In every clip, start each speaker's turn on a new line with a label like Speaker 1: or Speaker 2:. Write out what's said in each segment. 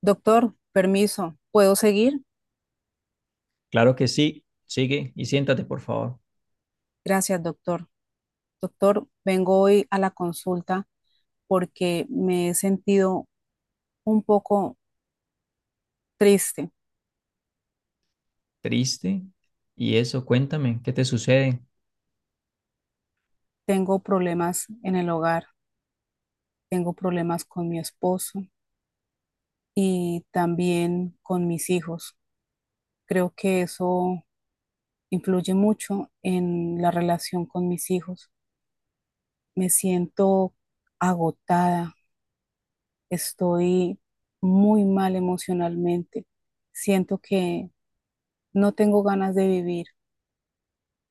Speaker 1: Doctor, permiso, ¿puedo seguir?
Speaker 2: Claro que sí. Sigue y siéntate, por favor.
Speaker 1: Gracias, doctor. Doctor, vengo hoy a la consulta porque me he sentido un poco triste.
Speaker 2: ¿Triste? ¿Y eso? Cuéntame, ¿qué te sucede?
Speaker 1: Tengo problemas en el hogar, tengo problemas con mi esposo y también con mis hijos. Creo que eso influye mucho en la relación con mis hijos. Me siento agotada, estoy muy mal emocionalmente. Siento que no tengo ganas de vivir.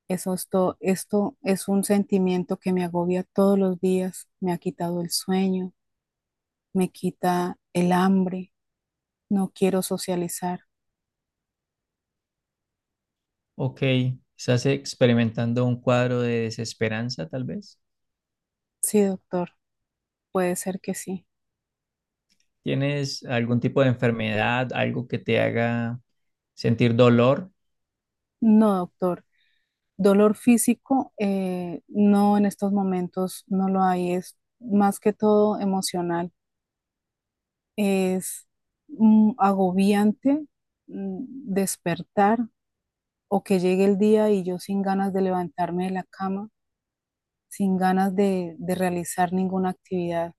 Speaker 1: Esto es un sentimiento que me agobia todos los días. Me ha quitado el sueño, me quita el hambre. No quiero socializar.
Speaker 2: Ok, ¿estás experimentando un cuadro de desesperanza, tal vez?
Speaker 1: Sí, doctor, puede ser que sí.
Speaker 2: ¿Tienes algún tipo de enfermedad, algo que te haga sentir dolor?
Speaker 1: No, doctor. Dolor físico, no en estos momentos, no lo hay. Es más que todo emocional. Es agobiante mm, despertar o que llegue el día y yo sin ganas de levantarme de la cama sin ganas de realizar ninguna actividad.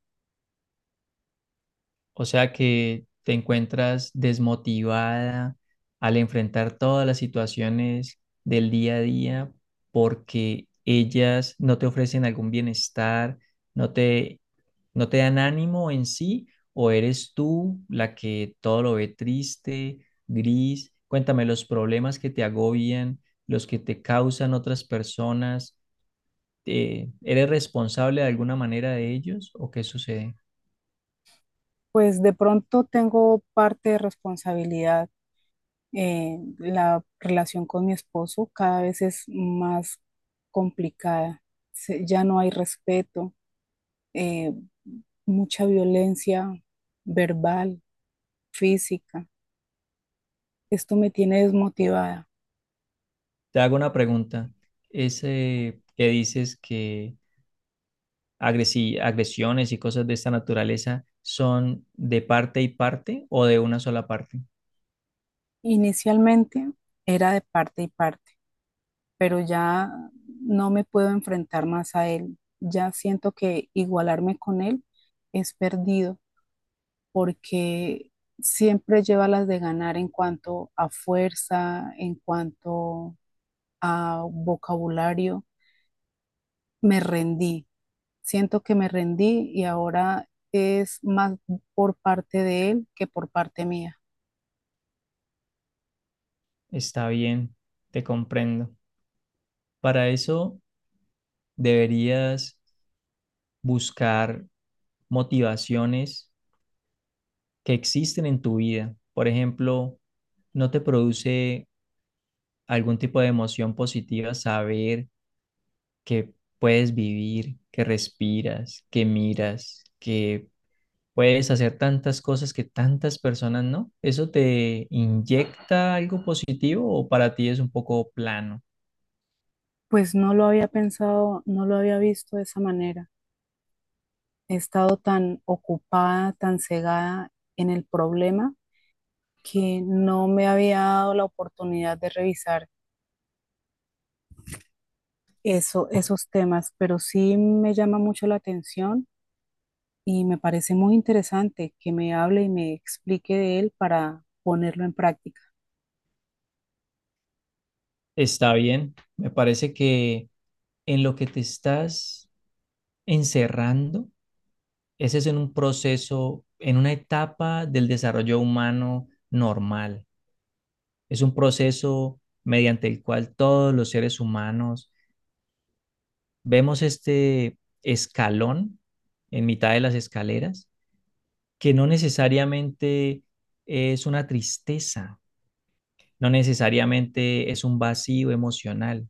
Speaker 2: O sea que te encuentras desmotivada al enfrentar todas las situaciones del día a día porque ellas no te ofrecen algún bienestar, no te, no te dan ánimo en sí, o eres tú la que todo lo ve triste, gris. Cuéntame los problemas que te agobian, los que te causan otras personas. ¿Eres responsable de alguna manera de ellos o qué sucede?
Speaker 1: Pues de pronto tengo parte de responsabilidad. La relación con mi esposo cada vez es más complicada. Ya no hay respeto, eh, mucha violencia verbal, física. Esto me tiene desmotivada.
Speaker 2: Te hago una pregunta. Ese que dices que agresiones y cosas de esta naturaleza son de parte y parte o de una sola parte.
Speaker 1: Inicialmente era de parte y parte, pero ya no me puedo enfrentar más a él. Ya siento que igualarme con él es perdido porque siempre lleva las de ganar en cuanto a fuerza, en cuanto a vocabulario. Me rendí, siento que me rendí y ahora es más por parte de él que por parte mía.
Speaker 2: Está bien, te comprendo. Para eso deberías buscar motivaciones que existen en tu vida. Por ejemplo, ¿no te produce algún tipo de emoción positiva saber que puedes vivir, que respiras, que miras, que puedes hacer tantas cosas que tantas personas no? ¿Eso te inyecta algo positivo o para ti es un poco plano?
Speaker 1: Pues no lo había pensado, no lo había visto de esa manera. He estado tan ocupada, tan cegada en el problema que no me había dado la oportunidad de revisar eso, esos temas, pero sí me llama mucho la atención y me parece muy interesante que me hable y me explique de él para ponerlo en práctica.
Speaker 2: Está bien. Me parece que en lo que te estás encerrando, ese es en un proceso, en una etapa del desarrollo humano normal. Es un proceso mediante el cual todos los seres humanos vemos este escalón en mitad de las escaleras, que no necesariamente es una tristeza, no necesariamente es un vacío emocional,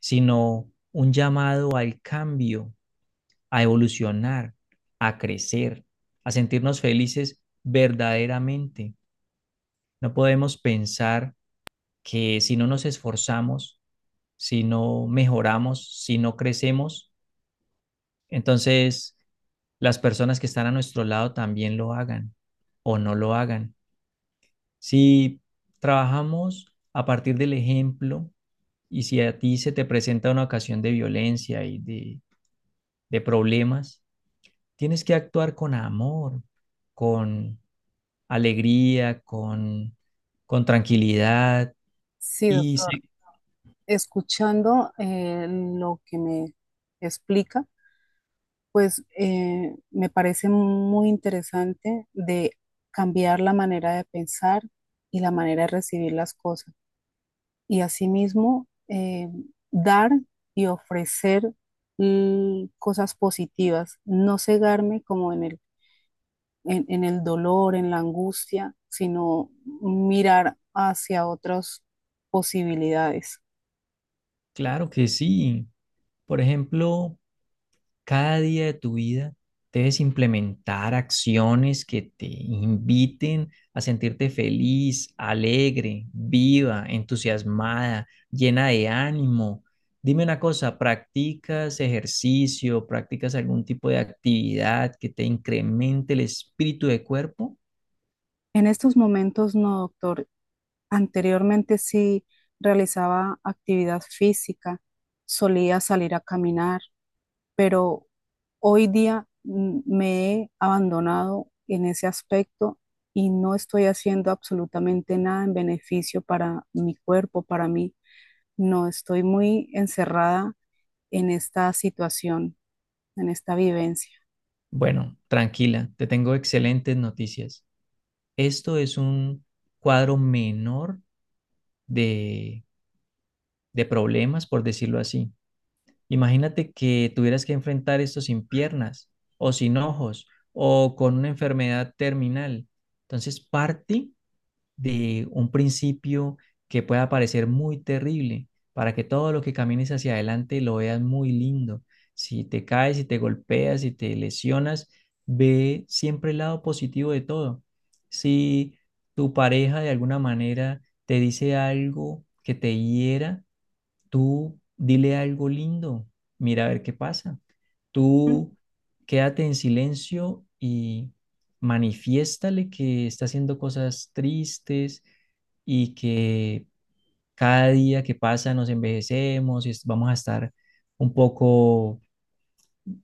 Speaker 2: sino un llamado al cambio, a evolucionar, a crecer, a sentirnos felices verdaderamente. No podemos pensar que si no nos esforzamos, si no mejoramos, si no crecemos, entonces las personas que están a nuestro lado también lo hagan o no lo hagan. Si trabajamos a partir del ejemplo y si a ti se te presenta una ocasión de violencia y de problemas, tienes que actuar con amor, con alegría, con tranquilidad.
Speaker 1: Sí,
Speaker 2: Y
Speaker 1: doctor,
Speaker 2: sí,
Speaker 1: escuchando lo que me explica, pues me parece muy interesante de cambiar la manera de pensar y la manera de recibir las cosas. Y asimismo, dar y ofrecer cosas positivas, no cegarme como en en el dolor, en la angustia, sino mirar hacia otras posibilidades.
Speaker 2: claro que sí. Por ejemplo, cada día de tu vida debes implementar acciones que te inviten a sentirte feliz, alegre, viva, entusiasmada, llena de ánimo. Dime una cosa, ¿practicas ejercicio, practicas algún tipo de actividad que te incremente el espíritu de cuerpo?
Speaker 1: En estos momentos, no, doctor. Anteriormente sí realizaba actividad física, solía salir a caminar, pero hoy día me he abandonado en ese aspecto y no estoy haciendo absolutamente nada en beneficio para mi cuerpo, para mí. No, estoy muy encerrada en esta situación, en esta vivencia.
Speaker 2: Bueno, tranquila, te tengo excelentes noticias. Esto es un cuadro menor de, de problemas, por decirlo así. Imagínate que tuvieras que enfrentar esto sin piernas o sin ojos o con una enfermedad terminal. Entonces, parte de un principio que pueda parecer muy terrible para que todo lo que camines hacia adelante lo veas muy lindo. Si te caes, si te golpeas, si te lesionas, ve siempre el lado positivo de todo. Si tu pareja de alguna manera te dice algo que te hiera, tú dile algo lindo, mira a ver qué pasa. Tú quédate en silencio y manifiéstale que está haciendo cosas tristes y que cada día que pasa nos envejecemos y vamos a estar un poco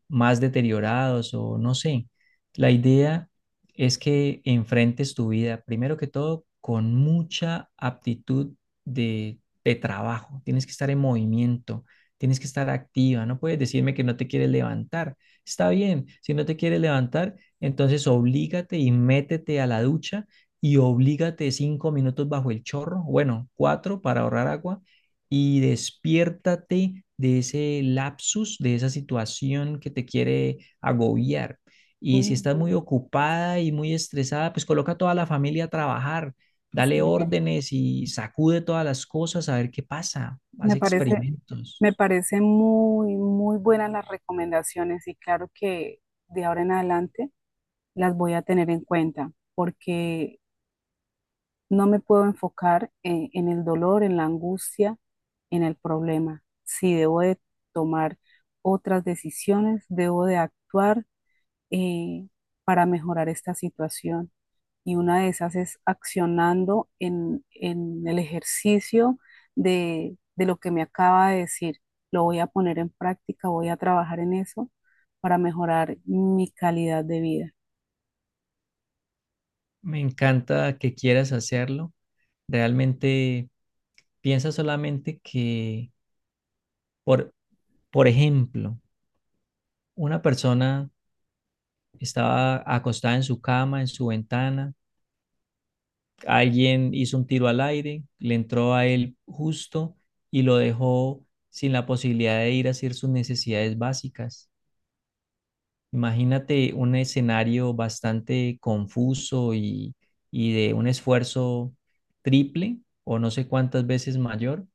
Speaker 2: más deteriorados o no sé. La idea es que enfrentes tu vida, primero que todo, con mucha aptitud de trabajo. Tienes que estar en movimiento, tienes que estar activa, no puedes decirme que no te quieres levantar. Está bien, si no te quieres levantar, entonces oblígate y métete a la ducha y oblígate 5 minutos bajo el chorro, bueno, cuatro para ahorrar agua, y despiértate de ese lapsus, de esa situación que te quiere agobiar. Y si
Speaker 1: Mm,
Speaker 2: estás muy ocupada y muy estresada, pues coloca a toda la familia a trabajar,
Speaker 1: está
Speaker 2: dale
Speaker 1: bien.
Speaker 2: órdenes y sacude todas las cosas a ver qué pasa, haz
Speaker 1: Me parece,
Speaker 2: experimentos.
Speaker 1: me parece muy, muy buenas las recomendaciones y claro que de ahora en adelante las voy a tener en cuenta porque no me puedo enfocar en el dolor, en la angustia, en el problema. Si debo de tomar otras decisiones, debo de actuar eh, para mejorar esta situación y una de esas es accionando en el ejercicio de lo que me acaba de decir. Lo voy a poner en práctica, voy a trabajar en eso para mejorar mi calidad de vida.
Speaker 2: Me encanta que quieras hacerlo. Realmente piensa solamente que, por, por ejemplo, una persona estaba acostada en su cama, en su ventana, alguien hizo un tiro al aire, le entró a él justo y lo dejó sin la posibilidad de ir a hacer sus necesidades básicas. Imagínate un escenario bastante confuso y de un esfuerzo triple o no sé cuántas veces mayor,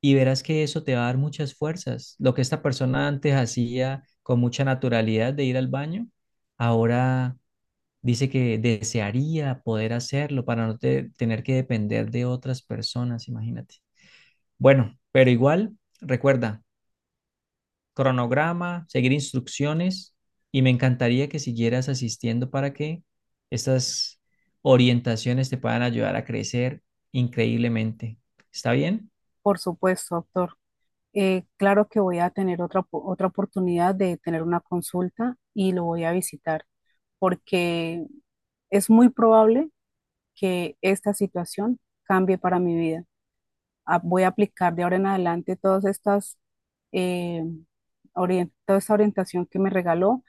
Speaker 2: y verás que eso te va a dar muchas fuerzas. Lo que esta persona antes hacía con mucha naturalidad de ir al baño, ahora dice que desearía poder hacerlo para no te- tener que depender de otras personas, imagínate. Bueno, pero igual, recuerda, cronograma, seguir instrucciones, y me encantaría que siguieras asistiendo para que estas orientaciones te puedan ayudar a crecer increíblemente. ¿Está bien?
Speaker 1: Por supuesto, doctor. Claro que voy a tener otra oportunidad de tener una consulta y lo voy a visitar porque es muy probable que esta situación cambie para mi vida. Voy a aplicar de ahora en adelante todas estas, eh, toda esta orientación que me regaló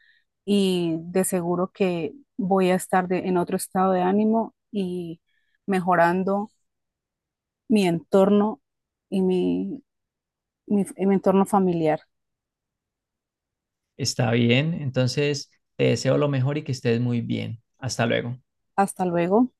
Speaker 1: y de seguro que voy a estar en otro estado de ánimo y mejorando mi entorno y mi entorno familiar.
Speaker 2: Está bien. Entonces, te deseo lo mejor y que estés muy bien. Hasta luego.
Speaker 1: Hasta luego.